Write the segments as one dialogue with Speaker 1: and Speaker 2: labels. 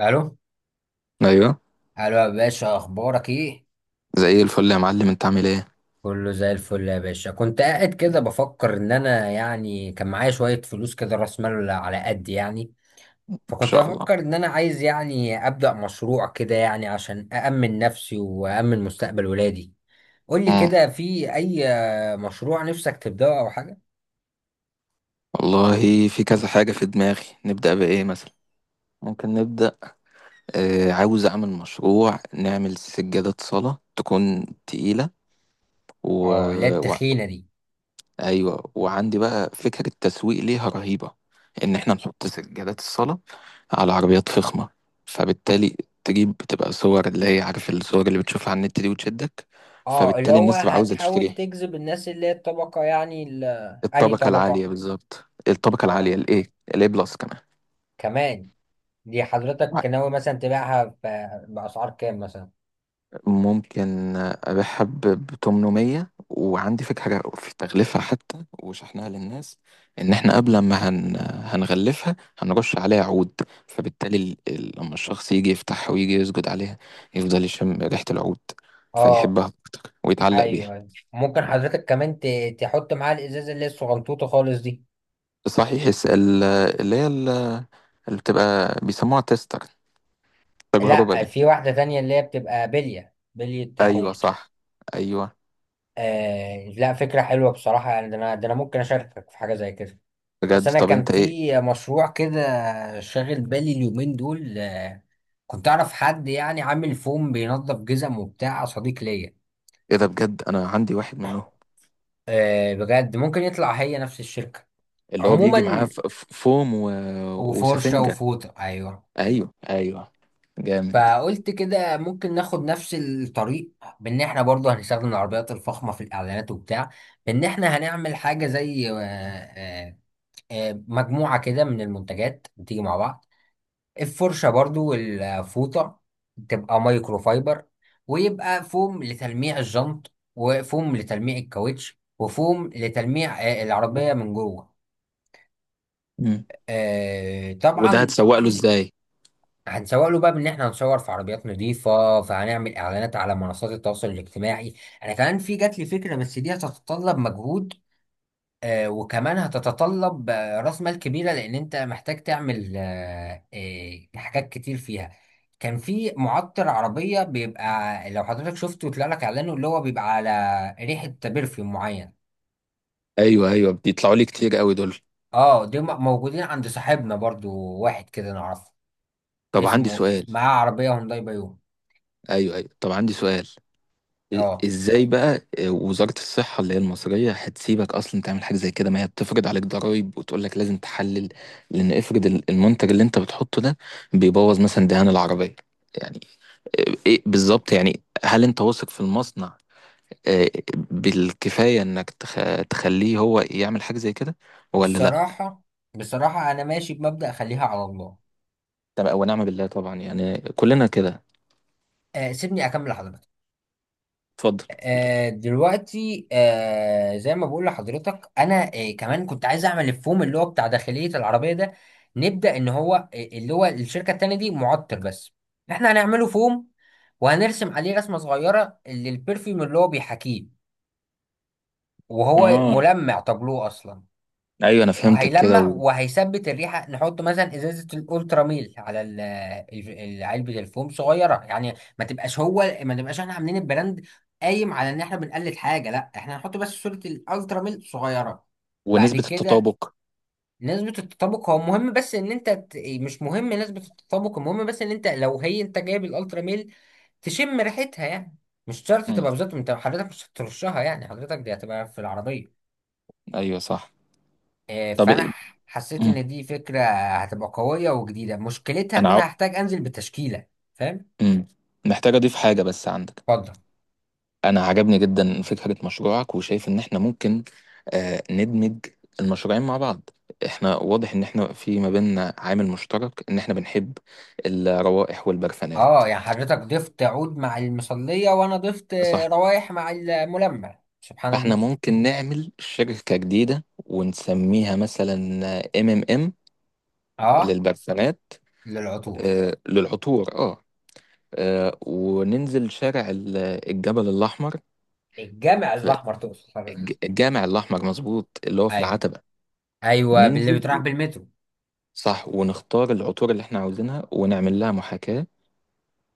Speaker 1: الو
Speaker 2: ايوه،
Speaker 1: الو يا باشا، اخبارك ايه؟
Speaker 2: زي الفل يا معلم، انت عامل ايه؟
Speaker 1: كله زي الفل يا باشا. كنت قاعد كده بفكر ان انا، كان معايا شوية فلوس كده، راس مال على قد يعني.
Speaker 2: ان
Speaker 1: فكنت
Speaker 2: شاء الله.
Speaker 1: بفكر ان انا عايز يعني ابدأ مشروع كده يعني، عشان أأمن نفسي وأأمن مستقبل ولادي. قول لي
Speaker 2: امم
Speaker 1: كده في اي مشروع نفسك تبدأه او حاجة.
Speaker 2: والله في كذا حاجه في دماغي، نبدا بايه مثلا؟ ممكن نبدا. آه، عاوز اعمل مشروع نعمل سجاده صلاه تكون تقيله. و...
Speaker 1: اه لا
Speaker 2: و...
Speaker 1: التخينة دي.
Speaker 2: ايوه، وعندي بقى فكره التسويق ليها رهيبه، ان احنا نحط سجادات الصلاه على عربيات فخمه، فبالتالي تجيب، بتبقى صور اللي هي عارف الصور اللي بتشوفها على النت دي وتشدك.
Speaker 1: اه، اللي
Speaker 2: فبالتالي
Speaker 1: هو
Speaker 2: الناس تبقى عاوزه
Speaker 1: هتحاول
Speaker 2: تشتريها.
Speaker 1: تجذب الناس اللي هي الطبقة يعني انهي
Speaker 2: الطبقة العالية
Speaker 1: طبقة؟
Speaker 2: بالظبط، الطبقة
Speaker 1: اه،
Speaker 2: العالية ال A. ال A بلس كمان.
Speaker 1: كمان. دي حضرتك ناوي مثلا تبيعها بأسعار كام مثلا؟
Speaker 2: ممكن أبيعها ب 800، وعندي فكرة في تغليفها حتى وشحنها للناس. إن إحنا قبل ما هنغلفها، هنرش عليها عود. فبالتالي لما الشخص يجي يفتحها ويجي يسجد عليها، يفضل يشم ريحة العود،
Speaker 1: اه.
Speaker 2: فيحبها أكتر ويتعلق
Speaker 1: ايوه
Speaker 2: بيها.
Speaker 1: ايوه، ممكن حضرتك كمان تحط معاها الازازة اللي هي الصغنطوطة خالص دي.
Speaker 2: صحيح، اللي هي ال- اللي بتبقى بيسموها تيستر، التجربة
Speaker 1: لا،
Speaker 2: دي.
Speaker 1: في واحدة تانية اللي هي بتبقى بلية بلية
Speaker 2: أيوة،
Speaker 1: حوت.
Speaker 2: صح. أيوة.
Speaker 1: لا، فكرة حلوة بصراحة. يعني ده انا ممكن اشاركك في حاجة زي كده. بس
Speaker 2: بجد؟
Speaker 1: انا
Speaker 2: طب
Speaker 1: كان
Speaker 2: أنت إيه؟
Speaker 1: في مشروع كده شاغل بالي اليومين دول. كنت اعرف حد يعني عامل فوم بينظف جزم وبتاع، صديق ليا.
Speaker 2: ايه ده، بجد؟ انا عندي واحد منهم.
Speaker 1: بجد، ممكن يطلع هي نفس الشركة.
Speaker 2: اللي هو بيجي معاه
Speaker 1: عموما،
Speaker 2: فوم
Speaker 1: وفرشة
Speaker 2: وسفنجة.
Speaker 1: وفوطة، أيوه.
Speaker 2: ايوه، ايوه. جامد.
Speaker 1: فقلت كده ممكن ناخد نفس الطريق، بإن إحنا برضو هنستخدم العربيات الفخمة في الإعلانات وبتاع. بإن إحنا هنعمل حاجة زي مجموعة كده من المنتجات بتيجي مع بعض، الفرشة برضو والفوطة تبقى مايكرو فايبر، ويبقى فوم لتلميع الجنط وفوم لتلميع الكاوتش وفوم لتلميع العربية من جوه.
Speaker 2: مم. وده
Speaker 1: طبعا.
Speaker 2: هتسوق له ازاي؟
Speaker 1: هنسوق له بقى بان احنا هنصور في عربيات نظيفه، فهنعمل اعلانات على منصات التواصل الاجتماعي. انا كمان في جات لي فكره، بس دي هتتطلب مجهود. وكمان هتتطلب راس مال كبيره، لان انت محتاج تعمل حاجات كتير فيها. كان في معطر عربيه بيبقى، لو حضرتك شفته طلع لك اعلانه، اللي هو بيبقى على ريحه برفيوم معين.
Speaker 2: ايوه، ايوه، بيطلعوا لي كتير قوي دول.
Speaker 1: اه دي موجودين عند صاحبنا برضو، واحد كده نعرفه
Speaker 2: طب عندي
Speaker 1: اسمه،
Speaker 2: سؤال.
Speaker 1: معاه عربيه هونداي بايون.
Speaker 2: ايوه، ايوه، طب عندي سؤال.
Speaker 1: اه.
Speaker 2: ازاي بقى وزارة الصحة اللي هي المصرية هتسيبك اصلا تعمل حاجة زي كده، ما هي بتفرض عليك ضرائب وتقول لك لازم تحلل؟ لان افرض المنتج اللي انت بتحطه ده بيبوظ مثلا دهان العربية، يعني؟ ايه بالظبط يعني؟ هل انت واثق في المصنع آه، بالكفاية انك تخليه هو يعمل حاجة زي كده ولا لا؟
Speaker 1: بصراحة، بصراحة أنا ماشي بمبدأ خليها على الله.
Speaker 2: طب ونعم بالله، طبعا يعني كلنا كده.
Speaker 1: سيبني أكمل لحضرتك.
Speaker 2: اتفضل.
Speaker 1: دلوقتي، زي ما بقول لحضرتك أنا، كمان كنت عايز أعمل الفوم اللي هو بتاع داخلية العربية ده. نبدأ إن هو اللي هو الشركة التانية دي معطر بس، إحنا هنعمله فوم. وهنرسم عليه رسمة صغيرة للبرفيوم اللي هو بيحاكيه، وهو
Speaker 2: اه،
Speaker 1: ملمع تابلوه أصلا،
Speaker 2: ايوه، انا فهمتك كده
Speaker 1: وهيلمع وهيثبت الريحه. نحط مثلا ازازه الالترا ميل على علبه الفوم صغيره يعني. ما تبقاش احنا عاملين البراند قايم على ان احنا بنقلد حاجه، لا احنا هنحط بس صوره الالترا ميل صغيره. بعد
Speaker 2: ونسبة
Speaker 1: كده
Speaker 2: التطابق؟
Speaker 1: نسبة التطابق هو مهم، بس ان انت مش مهم نسبة التطابق، المهم بس ان انت لو هي انت جايب الالترا ميل تشم ريحتها يعني. مش شرط
Speaker 2: امم
Speaker 1: تبقى بالظبط، انت حضرتك مش هترشها يعني، حضرتك دي هتبقى في العربية.
Speaker 2: ايوه، صح. طب،
Speaker 1: فانا حسيت
Speaker 2: امم
Speaker 1: ان دي فكره هتبقى قويه وجديده. مشكلتها
Speaker 2: انا
Speaker 1: ان انا
Speaker 2: عاو...
Speaker 1: هحتاج انزل بتشكيله، فاهم؟
Speaker 2: امم محتاج اضيف حاجة بس عندك.
Speaker 1: اتفضل.
Speaker 2: انا عجبني جدا فكرة مشروعك، وشايف ان احنا ممكن ندمج المشروعين مع بعض. احنا واضح ان احنا في ما بيننا عامل مشترك، ان احنا بنحب الروائح والبرفانات.
Speaker 1: اه يعني حضرتك ضفت عود مع المصليه، وانا ضفت
Speaker 2: صح.
Speaker 1: روايح مع الملمع. سبحان
Speaker 2: فاحنا
Speaker 1: الله.
Speaker 2: ممكن نعمل شركة جديدة ونسميها مثلا ام ام ام
Speaker 1: اه،
Speaker 2: للبرسمات.
Speaker 1: للعطور.
Speaker 2: للعطور، اه. وننزل شارع الجبل الأحمر.
Speaker 1: الجامع
Speaker 2: في
Speaker 1: الاحمر تقصد حضرتك؟
Speaker 2: الجامع الأحمر، مظبوط، اللي هو في
Speaker 1: ايوه،
Speaker 2: العتبة.
Speaker 1: ايوه، باللي
Speaker 2: ننزل،
Speaker 1: بيتراح بالمترو.
Speaker 2: صح، ونختار العطور اللي احنا عاوزينها ونعمل لها محاكاة.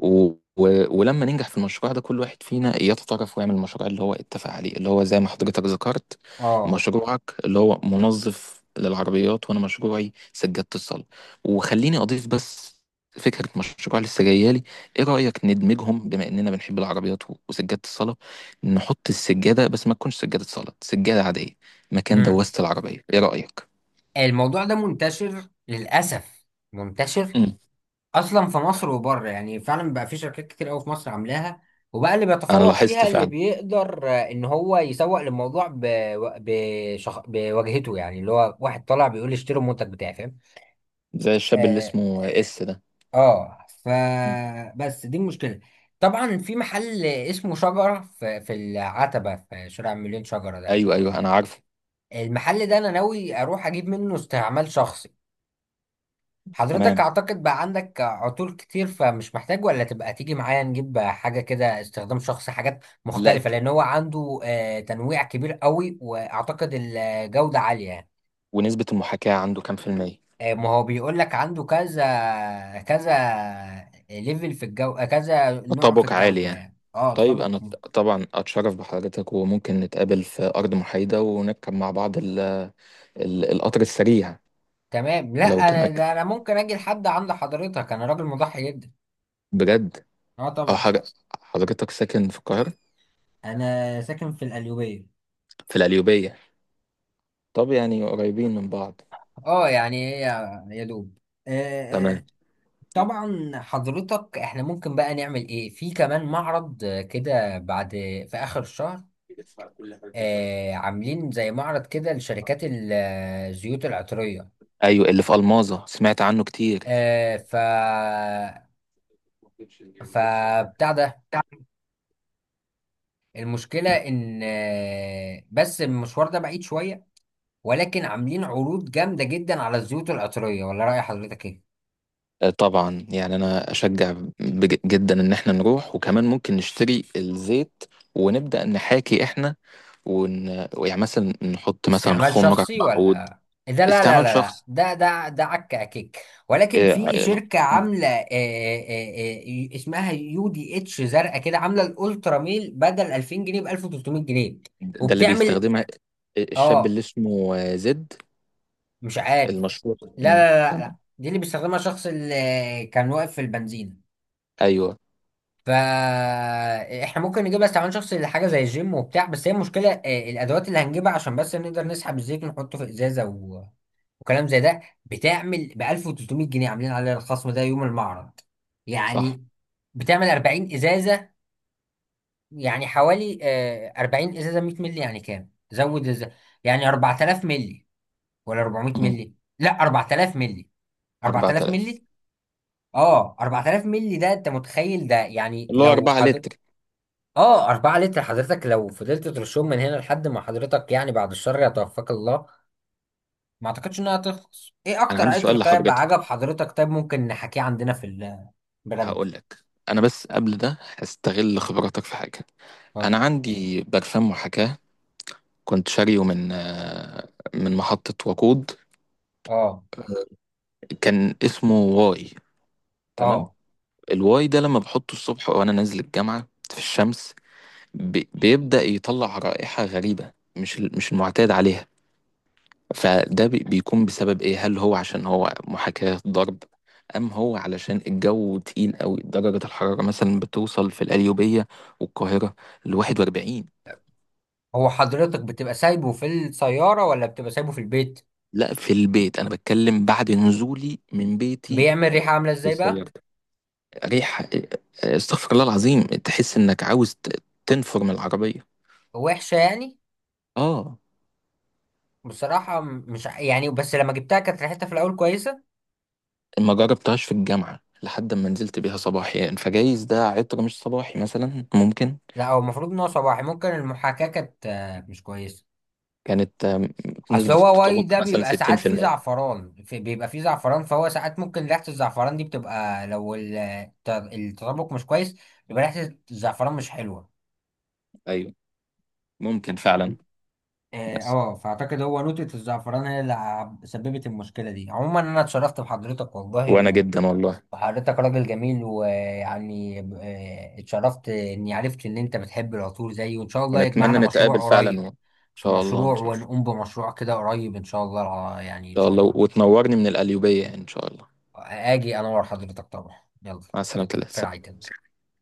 Speaker 2: و... ولما ننجح في المشروع ده، كل واحد فينا يتطرف ويعمل المشروع اللي هو اتفق عليه، اللي هو زي ما حضرتك ذكرت،
Speaker 1: اه.
Speaker 2: مشروعك اللي هو منظف للعربيات، وانا مشروعي سجادة الصلاة. وخليني اضيف بس فكرة مشروع لسه جايالي. ايه رأيك ندمجهم، بما اننا بنحب العربيات وسجادة الصلاة، نحط السجادة بس ما تكونش سجادة صلاة، سجادة عادية مكان
Speaker 1: امم.
Speaker 2: دواسة العربية؟ ايه رأيك؟
Speaker 1: الموضوع ده منتشر للاسف، منتشر
Speaker 2: مم.
Speaker 1: اصلا في مصر وبره، يعني فعلا بقى في شركات كتير قوي في مصر عاملاها. وبقى اللي
Speaker 2: انا
Speaker 1: بيتفوق
Speaker 2: لاحظت
Speaker 1: فيها اللي
Speaker 2: فعلا.
Speaker 1: بيقدر ان هو يسوق للموضوع بواجهته يعني، اللي هو واحد طالع بيقول لي اشتروا المنتج بتاعي، فاهم؟
Speaker 2: زي الشاب اللي
Speaker 1: اه
Speaker 2: اسمه اس ده.
Speaker 1: اه ف،
Speaker 2: مم.
Speaker 1: بس دي المشكله. طبعا في محل اسمه شجره في، في العتبه، في شارع مليون شجره ده
Speaker 2: ايوه، ايوه،
Speaker 1: ولا؟
Speaker 2: انا عارفه.
Speaker 1: المحل ده انا ناوي اروح اجيب منه استعمال شخصي. حضرتك
Speaker 2: تمام.
Speaker 1: اعتقد بقى عندك عطور كتير فمش محتاج، ولا تبقى تيجي معايا نجيب حاجة كده استخدام شخصي، حاجات
Speaker 2: لا،
Speaker 1: مختلفة، لان هو عنده تنويع كبير قوي، واعتقد الجودة عالية يعني.
Speaker 2: ونسبة المحاكاة عنده كام في المية؟
Speaker 1: ما هو بيقول لك عنده كذا كذا ليفل في الجو، كذا نوع في
Speaker 2: تطابق عالي
Speaker 1: الجودة.
Speaker 2: يعني.
Speaker 1: يعني اه
Speaker 2: طيب
Speaker 1: تطابق
Speaker 2: أنا طبعا أتشرف بحضرتك، وممكن نتقابل في أرض محايدة ونركب مع بعض ال ال القطر السريع.
Speaker 1: تمام. لا
Speaker 2: لو
Speaker 1: انا
Speaker 2: تمك،
Speaker 1: ده انا ممكن اجي لحد عند حضرتك، انا راجل مضحي جدا.
Speaker 2: بجد.
Speaker 1: اه
Speaker 2: أه،
Speaker 1: طبعا.
Speaker 2: حضرتك ساكن في القاهرة؟
Speaker 1: انا ساكن في القليوبية.
Speaker 2: في القليوبية. طب يعني قريبين من بعض.
Speaker 1: اه يعني هي، يا دوب. آه، آه،
Speaker 2: تمام.
Speaker 1: طبعا. حضرتك، احنا ممكن بقى نعمل ايه في كمان معرض كده، بعد في اخر الشهر، عاملين زي معرض كده لشركات الزيوت العطرية.
Speaker 2: أيوة، اللي في ألماظة سمعت عنه كتير.
Speaker 1: آه ف فبتاع ده، المشكلة ان بس المشوار ده بعيد شوية، ولكن عاملين عروض جامدة جدا على الزيوت العطرية. ولا رأي حضرتك ايه؟
Speaker 2: طبعا يعني انا اشجع جدا ان احنا نروح، وكمان ممكن نشتري الزيت ونبدا نحاكي احنا ون... يعني مثلا نحط مثلا
Speaker 1: استعمال
Speaker 2: خمره
Speaker 1: شخصي
Speaker 2: بعود.
Speaker 1: ولا؟ ده لا لا
Speaker 2: استعمال
Speaker 1: لا لا،
Speaker 2: شخص.
Speaker 1: ده عك عكيك. ولكن في
Speaker 2: آه،
Speaker 1: شركة عاملة، اسمها يو دي اتش، زرقاء كده، عاملة الالترا ميل بدل 2000 جنيه ب 1300 جنيه.
Speaker 2: ده اللي
Speaker 1: وبتعمل
Speaker 2: بيستخدمها الشاب اللي
Speaker 1: اه
Speaker 2: اسمه زد
Speaker 1: مش عارف.
Speaker 2: المشهور.
Speaker 1: لا
Speaker 2: مم،
Speaker 1: لا لا لا،
Speaker 2: تمام.
Speaker 1: دي اللي بيستخدمها الشخص اللي كان واقف في البنزين.
Speaker 2: ايوه،
Speaker 1: فاحنا ممكن نجيبها استعمال شخصي لحاجة زي الجيم وبتاع. بس هي المشكلة الادوات اللي هنجيبها عشان بس نقدر نسحب الزيت ونحطه في ازازة وكلام زي ده. بتعمل ب 1300 جنيه عاملين عليها الخصم ده يوم المعرض
Speaker 2: صح.
Speaker 1: يعني. بتعمل 40 ازازه، يعني حوالي 40 ازازه 100 مللي، يعني كام؟ زود ازازه يعني. 4000 مللي ولا 400
Speaker 2: مم،
Speaker 1: مللي؟ لا 4000 مللي. 4000
Speaker 2: 4000.
Speaker 1: مللي؟ اه 4000 مللي، ده انت متخيل ده يعني؟
Speaker 2: اللي هو
Speaker 1: لو
Speaker 2: 4
Speaker 1: حضر
Speaker 2: لتر.
Speaker 1: اه 4 لتر حضرتك، لو فضلت ترشهم من هنا لحد ما حضرتك، يعني بعد الشر يتوفاك الله، ما اعتقدش انها هتخلص. ايه
Speaker 2: انا
Speaker 1: اكتر
Speaker 2: عندي
Speaker 1: عطر
Speaker 2: سؤال
Speaker 1: طيب عجب
Speaker 2: لحضرتك.
Speaker 1: حضرتك، طيب ممكن نحكيه عندنا في البراند؟
Speaker 2: هقول لك انا، بس قبل ده هستغل خبراتك في حاجه.
Speaker 1: اتفضل.
Speaker 2: انا عندي برفان محاكاه، كنت شاريه من من محطة وقود.
Speaker 1: اه
Speaker 2: كان اسمه واي، تمام.
Speaker 1: اه
Speaker 2: الواي ده لما بحطه الصبح وانا نازل الجامعة في الشمس، بيبدأ يطلع رائحة غريبة، مش مش المعتاد عليها. فده بيكون بسبب ايه؟ هل هو عشان هو محاكاة ضرب، ام هو علشان الجو تقيل قوي، درجة الحرارة مثلا بتوصل في القليوبية والقاهرة ل 41؟
Speaker 1: هو حضرتك بتبقى سايبه في السيارة ولا بتبقى سايبه في البيت؟
Speaker 2: لا، في البيت، انا بتكلم بعد نزولي من بيتي
Speaker 1: بيعمل ريحة عاملة ازاي بقى؟
Speaker 2: للسيارة. ريحة استغفر الله العظيم، تحس انك عاوز تنفر من العربية.
Speaker 1: وحشة يعني؟
Speaker 2: اه.
Speaker 1: بصراحة م- مش ع- يعني بس لما جبتها كانت ريحتها في الاول كويسة.
Speaker 2: ما جربتهاش في الجامعة لحد ما نزلت بيها صباحي، يعني فجايز ده عطر مش صباحي مثلا ممكن.
Speaker 1: لا هو المفروض ان هو صباحي، ممكن المحاكاة كانت مش كويسة.
Speaker 2: كانت
Speaker 1: اصل
Speaker 2: نسبة
Speaker 1: هو واي
Speaker 2: التطابق
Speaker 1: ده
Speaker 2: مثلا
Speaker 1: بيبقى ساعات فيه
Speaker 2: 60%.
Speaker 1: زعفران، في بيبقى فيه زعفران، فهو ساعات ممكن ريحة الزعفران دي بتبقى، لو التطابق مش كويس يبقى ريحة الزعفران مش حلوة.
Speaker 2: ايوه، ممكن فعلا.
Speaker 1: اه،
Speaker 2: بس
Speaker 1: فاعتقد هو نوتة الزعفران هي اللي سببت المشكلة دي. عموما انا اتشرفت بحضرتك والله،
Speaker 2: وانا
Speaker 1: و
Speaker 2: جدا والله.
Speaker 1: وحضرتك راجل جميل، ويعني اتشرفت اني عرفت ان انت بتحب العطور زيي، وان شاء الله
Speaker 2: ونتمنى
Speaker 1: يجمعنا
Speaker 2: نتقابل
Speaker 1: مشروع
Speaker 2: فعلا
Speaker 1: قريب.
Speaker 2: ان
Speaker 1: في
Speaker 2: شاء الله، ان
Speaker 1: مشروع
Speaker 2: شاء الله.
Speaker 1: ونقوم بمشروع كده قريب ان شاء الله، يعني ان
Speaker 2: ان شاء
Speaker 1: شاء
Speaker 2: الله،
Speaker 1: الله.
Speaker 2: وتنورني من القليوبية يعني، ان شاء الله.
Speaker 1: اجي انور حضرتك طبعا، يلا.
Speaker 2: مع
Speaker 1: في
Speaker 2: السلامة.
Speaker 1: رعاية الله.